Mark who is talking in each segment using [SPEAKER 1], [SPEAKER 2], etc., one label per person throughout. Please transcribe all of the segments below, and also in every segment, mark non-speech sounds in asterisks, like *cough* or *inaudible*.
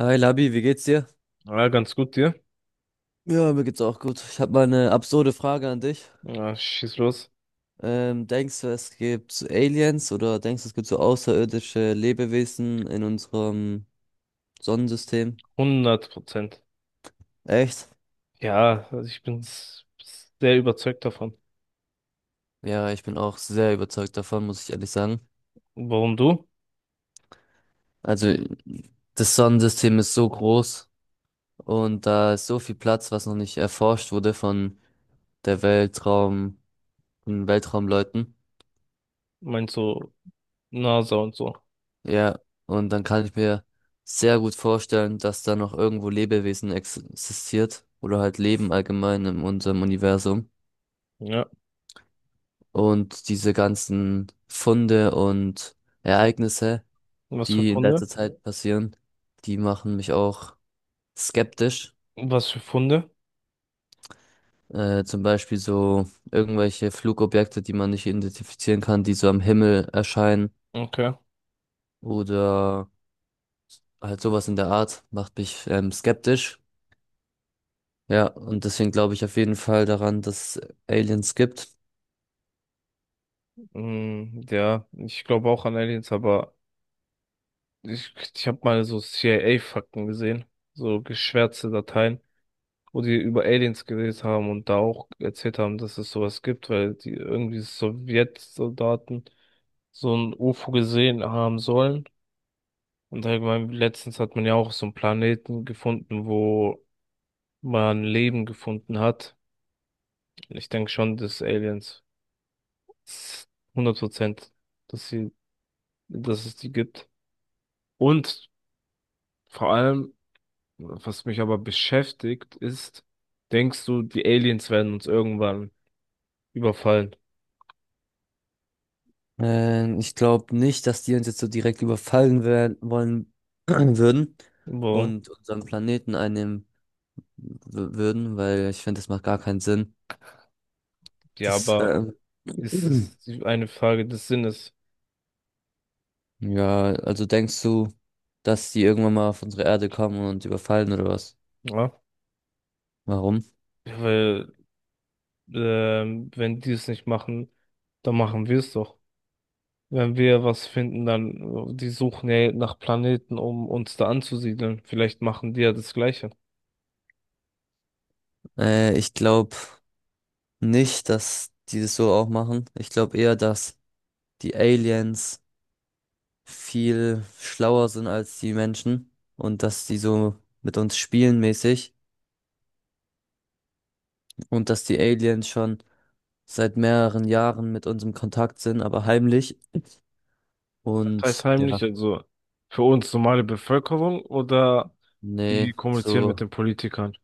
[SPEAKER 1] Hi Labi, wie geht's dir?
[SPEAKER 2] Ja, ganz gut dir.
[SPEAKER 1] Ja, mir geht's auch gut. Ich habe mal eine absurde Frage an dich.
[SPEAKER 2] Ja, schieß los.
[SPEAKER 1] Denkst du, es gibt so Aliens oder denkst du, es gibt so außerirdische Lebewesen in unserem Sonnensystem?
[SPEAKER 2] 100%.
[SPEAKER 1] Echt?
[SPEAKER 2] Ja, also ich bin sehr überzeugt davon.
[SPEAKER 1] Ja, ich bin auch sehr überzeugt davon, muss ich ehrlich sagen.
[SPEAKER 2] Warum du?
[SPEAKER 1] Also, das Sonnensystem ist so groß und da ist so viel Platz, was noch nicht erforscht wurde von der Weltraum, von Weltraumleuten.
[SPEAKER 2] Meinst du NASA und so?
[SPEAKER 1] Ja, und dann kann ich mir sehr gut vorstellen, dass da noch irgendwo Lebewesen existiert oder halt Leben allgemein in unserem Universum.
[SPEAKER 2] Ja.
[SPEAKER 1] Und diese ganzen Funde und Ereignisse,
[SPEAKER 2] Was für
[SPEAKER 1] die in
[SPEAKER 2] Funde?
[SPEAKER 1] letzter Zeit passieren, die machen mich auch skeptisch.
[SPEAKER 2] Was für Funde?
[SPEAKER 1] Zum Beispiel so irgendwelche Flugobjekte, die man nicht identifizieren kann, die so am Himmel erscheinen
[SPEAKER 2] Okay.
[SPEAKER 1] oder halt sowas in der Art, macht mich skeptisch. Ja, und deswegen glaube ich auf jeden Fall daran, dass Aliens gibt.
[SPEAKER 2] Mm, ja, ich glaube auch an Aliens, aber ich habe mal so CIA-Fakten gesehen. So geschwärzte Dateien, wo die über Aliens geredet haben und da auch erzählt haben, dass es sowas gibt, weil die irgendwie Sowjetsoldaten so ein UFO gesehen haben sollen. Und allgemein, letztens hat man ja auch so einen Planeten gefunden, wo man Leben gefunden hat. Ich denke schon, dass Aliens s- 100%, dass sie, dass es die gibt. Und vor allem, was mich aber beschäftigt, ist, denkst du, die Aliens werden uns irgendwann überfallen?
[SPEAKER 1] Ich glaube nicht, dass die uns jetzt so direkt überfallen werden, wollen *clears throat* würden
[SPEAKER 2] Wo?
[SPEAKER 1] und unseren Planeten einnehmen würden, weil ich finde, das macht gar keinen Sinn.
[SPEAKER 2] Ja,
[SPEAKER 1] Das,
[SPEAKER 2] aber
[SPEAKER 1] ähm,
[SPEAKER 2] ist es
[SPEAKER 1] *clears throat*
[SPEAKER 2] eine Frage des Sinnes?
[SPEAKER 1] ja, also denkst du, dass die irgendwann mal auf unsere Erde kommen und überfallen oder was?
[SPEAKER 2] Ja,
[SPEAKER 1] Warum?
[SPEAKER 2] weil wenn die es nicht machen, dann machen wir es doch. Wenn wir was finden, dann, die suchen ja nach Planeten, um uns da anzusiedeln. Vielleicht machen die ja das Gleiche.
[SPEAKER 1] Ich glaube nicht, dass die das so auch machen. Ich glaube eher, dass die Aliens viel schlauer sind als die Menschen und dass die so mit uns spielen mäßig und dass die Aliens schon seit mehreren Jahren mit uns im Kontakt sind, aber heimlich.
[SPEAKER 2] Das heißt
[SPEAKER 1] Und ja,
[SPEAKER 2] heimlich, also für uns normale Bevölkerung oder
[SPEAKER 1] nee,
[SPEAKER 2] die kommunizieren mit
[SPEAKER 1] so,
[SPEAKER 2] den Politikern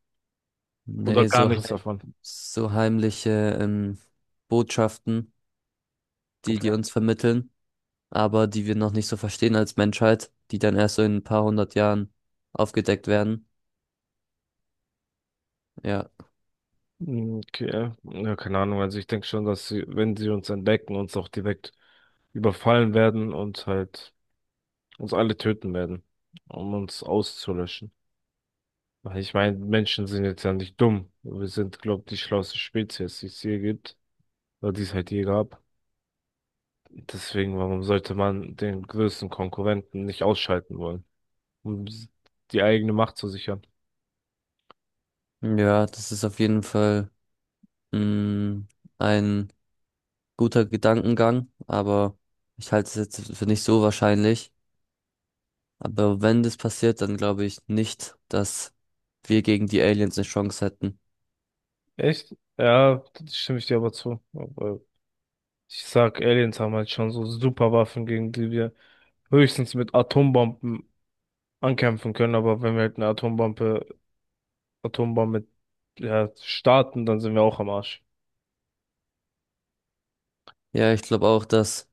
[SPEAKER 2] oder
[SPEAKER 1] nee,
[SPEAKER 2] gar
[SPEAKER 1] so,
[SPEAKER 2] nichts
[SPEAKER 1] heim,
[SPEAKER 2] davon.
[SPEAKER 1] so heimliche ähm, Botschaften, die die
[SPEAKER 2] Okay.
[SPEAKER 1] uns vermitteln, aber die wir noch nicht so verstehen als Menschheit, die dann erst so in ein paar hundert Jahren aufgedeckt werden. Ja,
[SPEAKER 2] Mhm. Okay. Ja, keine Ahnung. Also ich denke schon, dass sie, wenn sie uns entdecken, uns auch direkt überfallen werden und halt uns alle töten werden, um uns auszulöschen. Weil ich meine, Menschen sind jetzt ja nicht dumm. Wir sind, glaube ich, die schlauste Spezies, die es je gibt. Oder die es halt je gab. Deswegen, warum sollte man den größten Konkurrenten nicht ausschalten wollen, um die eigene Macht zu sichern?
[SPEAKER 1] ja, das ist auf jeden Fall mh, ein guter Gedankengang, aber ich halte es jetzt für nicht so wahrscheinlich. Aber wenn das passiert, dann glaube ich nicht, dass wir gegen die Aliens eine Chance hätten.
[SPEAKER 2] Echt? Ja, da stimme ich dir aber zu. Aber ich sag, Aliens haben halt schon so super Waffen, gegen die wir höchstens mit Atombomben ankämpfen können, aber wenn wir halt eine Atombombe, Atombombe, ja, starten, dann sind wir auch am Arsch.
[SPEAKER 1] Ja, ich glaube auch, dass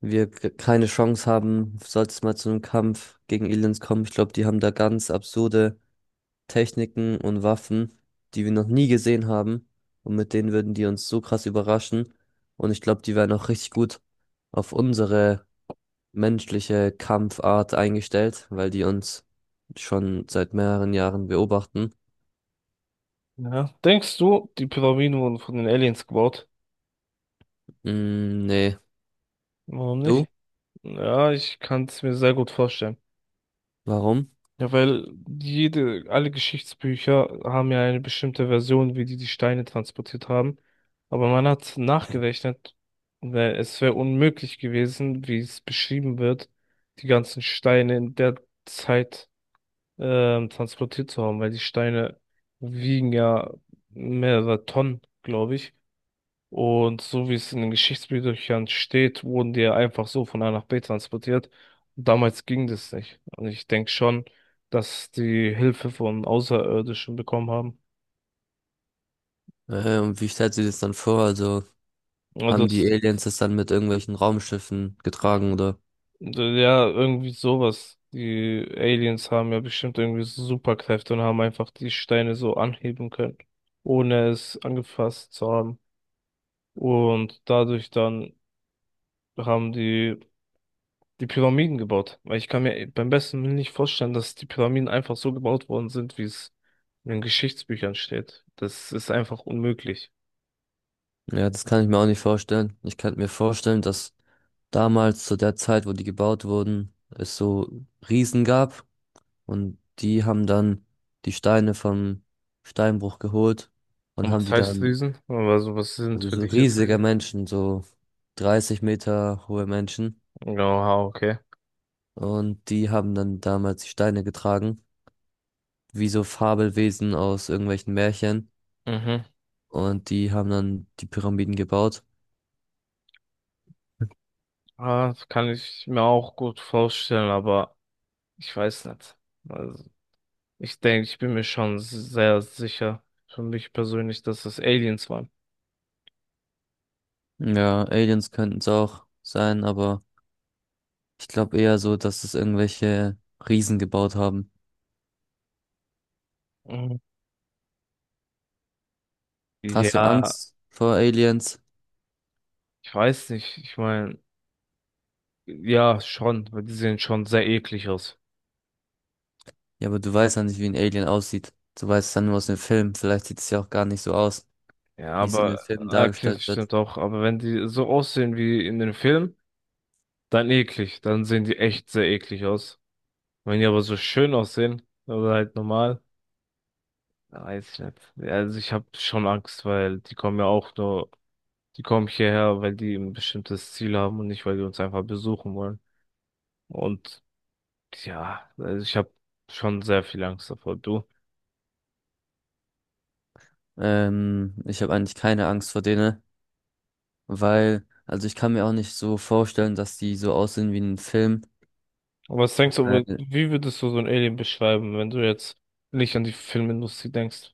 [SPEAKER 1] wir keine Chance haben, sollte es mal zu einem Kampf gegen Aliens kommen. Ich glaube, die haben da ganz absurde Techniken und Waffen, die wir noch nie gesehen haben. Und mit denen würden die uns so krass überraschen. Und ich glaube, die wären auch richtig gut auf unsere menschliche Kampfart eingestellt, weil die uns schon seit mehreren Jahren beobachten.
[SPEAKER 2] Ja. Denkst du, die Pyramiden wurden von den Aliens gebaut?
[SPEAKER 1] Mm, nee.
[SPEAKER 2] Warum
[SPEAKER 1] Du?
[SPEAKER 2] nicht? Ja, ich kann es mir sehr gut vorstellen.
[SPEAKER 1] Warum?
[SPEAKER 2] Ja, weil alle Geschichtsbücher haben ja eine bestimmte Version, wie die die Steine transportiert haben. Aber man hat nachgerechnet, weil es wäre unmöglich gewesen, wie es beschrieben wird, die ganzen Steine in der Zeit transportiert zu haben, weil die Steine wiegen ja mehrere Tonnen, glaube ich. Und so wie es in den Geschichtsbüchern steht, wurden die ja einfach so von A nach B transportiert. Damals ging das nicht. Und ich denke schon, dass die Hilfe von Außerirdischen bekommen haben.
[SPEAKER 1] Und wie stellst du dir das dann vor? Also
[SPEAKER 2] Also
[SPEAKER 1] haben die
[SPEAKER 2] das,
[SPEAKER 1] Aliens das dann mit irgendwelchen Raumschiffen getragen oder?
[SPEAKER 2] ja, irgendwie sowas. Die Aliens haben ja bestimmt irgendwie so Superkräfte und haben einfach die Steine so anheben können, ohne es angefasst zu haben. Und dadurch dann haben die die Pyramiden gebaut. Weil ich kann mir beim besten Willen nicht vorstellen, dass die Pyramiden einfach so gebaut worden sind, wie es in den Geschichtsbüchern steht. Das ist einfach unmöglich.
[SPEAKER 1] Ja, das kann ich mir auch nicht vorstellen. Ich könnte mir vorstellen, dass damals zu der Zeit, wo die gebaut wurden, es so Riesen gab und die haben dann die Steine vom Steinbruch geholt und
[SPEAKER 2] Und
[SPEAKER 1] haben
[SPEAKER 2] was
[SPEAKER 1] die
[SPEAKER 2] heißt
[SPEAKER 1] dann
[SPEAKER 2] Riesen? Also was sind
[SPEAKER 1] Also
[SPEAKER 2] für
[SPEAKER 1] so
[SPEAKER 2] dich jetzt
[SPEAKER 1] riesige
[SPEAKER 2] Riesen?
[SPEAKER 1] Menschen, so 30 Meter hohe Menschen.
[SPEAKER 2] Ja, okay.
[SPEAKER 1] Und die haben dann damals die Steine getragen, wie so Fabelwesen aus irgendwelchen Märchen.
[SPEAKER 2] Mhm.
[SPEAKER 1] Und die haben dann die Pyramiden gebaut.
[SPEAKER 2] Ah, das kann ich mir auch gut vorstellen, aber ich weiß nicht. Also ich denke, ich bin mir schon sehr sicher, für mich persönlich, dass es Aliens waren.
[SPEAKER 1] Ja, Aliens könnten es auch sein, aber ich glaube eher so, dass es irgendwelche Riesen gebaut haben.
[SPEAKER 2] Mhm.
[SPEAKER 1] Hast du
[SPEAKER 2] Ja,
[SPEAKER 1] Angst vor Aliens?
[SPEAKER 2] ich weiß nicht. Ich meine, ja, schon, weil die sehen schon sehr eklig aus.
[SPEAKER 1] Ja, aber du weißt ja nicht, wie ein Alien aussieht. Du weißt es dann nur aus dem Film. Vielleicht sieht es ja auch gar nicht so aus,
[SPEAKER 2] Ja,
[SPEAKER 1] wie es in den
[SPEAKER 2] aber,
[SPEAKER 1] Filmen
[SPEAKER 2] ah, okay, das
[SPEAKER 1] dargestellt wird.
[SPEAKER 2] stimmt auch. Aber wenn die so aussehen wie in den Filmen, dann eklig. Dann sehen die echt sehr eklig aus. Wenn die aber so schön aussehen, oder halt normal, dann weiß ich nicht. Ja, also ich habe schon Angst, weil die kommen ja auch nur, die kommen hierher, weil die ein bestimmtes Ziel haben und nicht, weil die uns einfach besuchen wollen. Und ja, also ich habe schon sehr viel Angst davor. Du.
[SPEAKER 1] Ich habe eigentlich keine Angst vor denen, weil, also ich kann mir auch nicht so vorstellen, dass die so aussehen wie in einem Film.
[SPEAKER 2] Aber was denkst du,
[SPEAKER 1] Weil
[SPEAKER 2] wie würdest du so ein Alien beschreiben, wenn du jetzt nicht an die Filmindustrie denkst?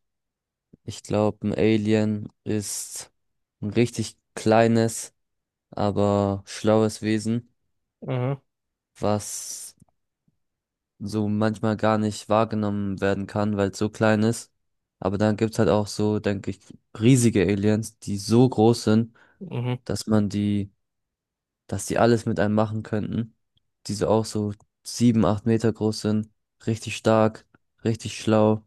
[SPEAKER 1] ich glaube, ein Alien ist ein richtig kleines, aber schlaues Wesen,
[SPEAKER 2] Mhm,
[SPEAKER 1] was so manchmal gar nicht wahrgenommen werden kann, weil es so klein ist. Aber dann gibt's halt auch so, denke ich, riesige Aliens, die so groß sind,
[SPEAKER 2] mhm,
[SPEAKER 1] dass man die dass die alles mit einem machen könnten. Die so auch so sieben, acht Meter groß sind, richtig stark, richtig schlau.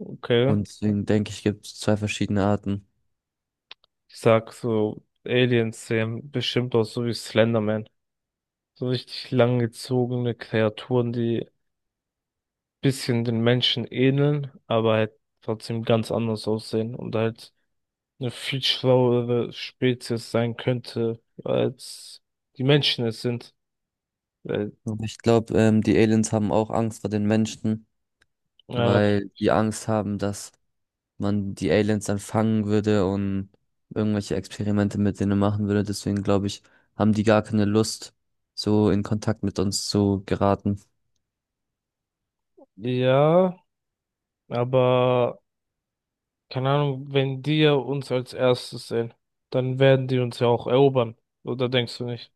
[SPEAKER 2] okay.
[SPEAKER 1] Und deswegen denke ich, gibt es zwei verschiedene Arten.
[SPEAKER 2] Ich sag so, Aliens sehen bestimmt aus, so wie Slenderman. So richtig langgezogene Kreaturen, die bisschen den Menschen ähneln, aber halt trotzdem ganz anders aussehen und halt eine viel schlauere Spezies sein könnte, als die Menschen es sind. Weil,
[SPEAKER 1] Und ich glaube, die Aliens haben auch Angst vor den Menschen,
[SPEAKER 2] ja,
[SPEAKER 1] weil die Angst haben, dass man die Aliens dann fangen würde und irgendwelche Experimente mit denen machen würde. Deswegen glaube ich, haben die gar keine Lust, so in Kontakt mit uns zu geraten.
[SPEAKER 2] ja, aber keine Ahnung, wenn die ja uns als erstes sehen, dann werden die uns ja auch erobern. Oder denkst du nicht?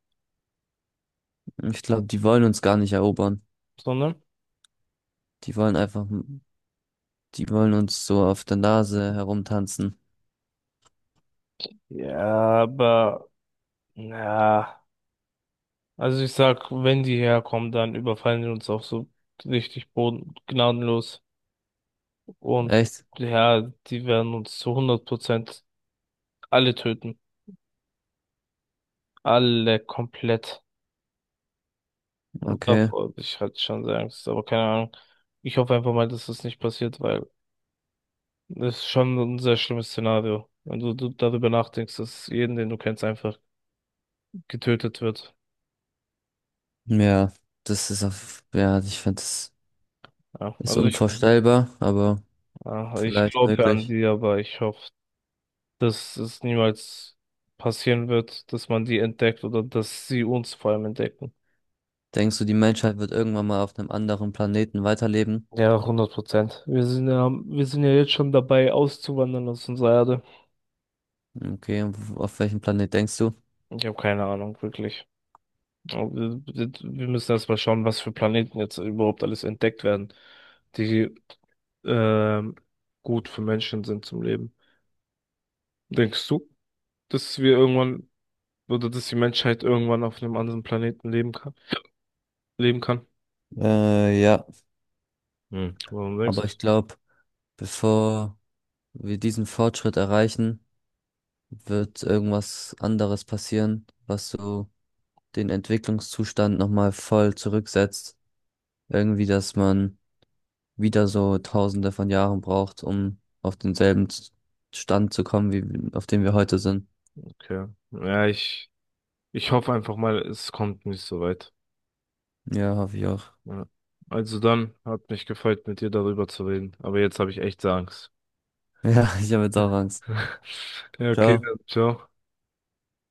[SPEAKER 1] Ich glaube, die wollen uns gar nicht erobern.
[SPEAKER 2] Sondern?
[SPEAKER 1] Die wollen einfach Die wollen uns so auf der Nase herumtanzen.
[SPEAKER 2] Ja, aber. Ja, also ich sag, wenn die herkommen, dann überfallen die uns auch so richtig boden gnadenlos. Und
[SPEAKER 1] Echt?
[SPEAKER 2] ja, die werden uns zu 100% alle töten. Alle komplett. Und
[SPEAKER 1] Okay.
[SPEAKER 2] davor hab ich hatte schon sehr Angst, aber keine Ahnung. Ich hoffe einfach mal, dass das nicht passiert, weil das ist schon ein sehr schlimmes Szenario. Wenn du darüber nachdenkst, dass jeden, den du kennst, einfach getötet wird.
[SPEAKER 1] Ja, das ist auf, ja, ich finde, das
[SPEAKER 2] Ja,
[SPEAKER 1] ist
[SPEAKER 2] also
[SPEAKER 1] unvorstellbar, aber
[SPEAKER 2] ja, ich
[SPEAKER 1] vielleicht
[SPEAKER 2] glaube an
[SPEAKER 1] möglich.
[SPEAKER 2] die, aber ich hoffe, dass es niemals passieren wird, dass man die entdeckt oder dass sie uns vor allem entdecken.
[SPEAKER 1] Denkst du, die Menschheit wird irgendwann mal auf einem anderen Planeten weiterleben?
[SPEAKER 2] Ja, hundert Prozent. Wir sind ja jetzt schon dabei, auszuwandern aus unserer Erde.
[SPEAKER 1] Okay, und auf welchen Planet denkst du?
[SPEAKER 2] Ich habe keine Ahnung, wirklich. Aber wir müssen erst mal schauen, was für Planeten jetzt überhaupt alles entdeckt werden, die ähm, gut für Menschen sind zum Leben. Denkst du, dass wir irgendwann oder dass die Menschheit irgendwann auf einem anderen Planeten leben kann? Leben kann?
[SPEAKER 1] Ja.
[SPEAKER 2] Hm. Warum denkst du
[SPEAKER 1] Aber
[SPEAKER 2] das?
[SPEAKER 1] ich glaube, bevor wir diesen Fortschritt erreichen, wird irgendwas anderes passieren, was so den Entwicklungszustand nochmal voll zurücksetzt. Irgendwie, dass man wieder so Tausende von Jahren braucht, um auf denselben Stand zu kommen, wie auf dem wir heute sind.
[SPEAKER 2] Okay. Ja, ich. Ich hoffe einfach mal, es kommt nicht so weit.
[SPEAKER 1] Ja, hoffe ich auch. *laughs*
[SPEAKER 2] Ja. Also dann, hat mich gefreut, mit dir darüber zu reden. Aber jetzt habe ich echt Angst.
[SPEAKER 1] Ja, ich habe jetzt auch
[SPEAKER 2] *laughs*
[SPEAKER 1] Angst.
[SPEAKER 2] Ja, okay,
[SPEAKER 1] Ciao.
[SPEAKER 2] dann, ciao.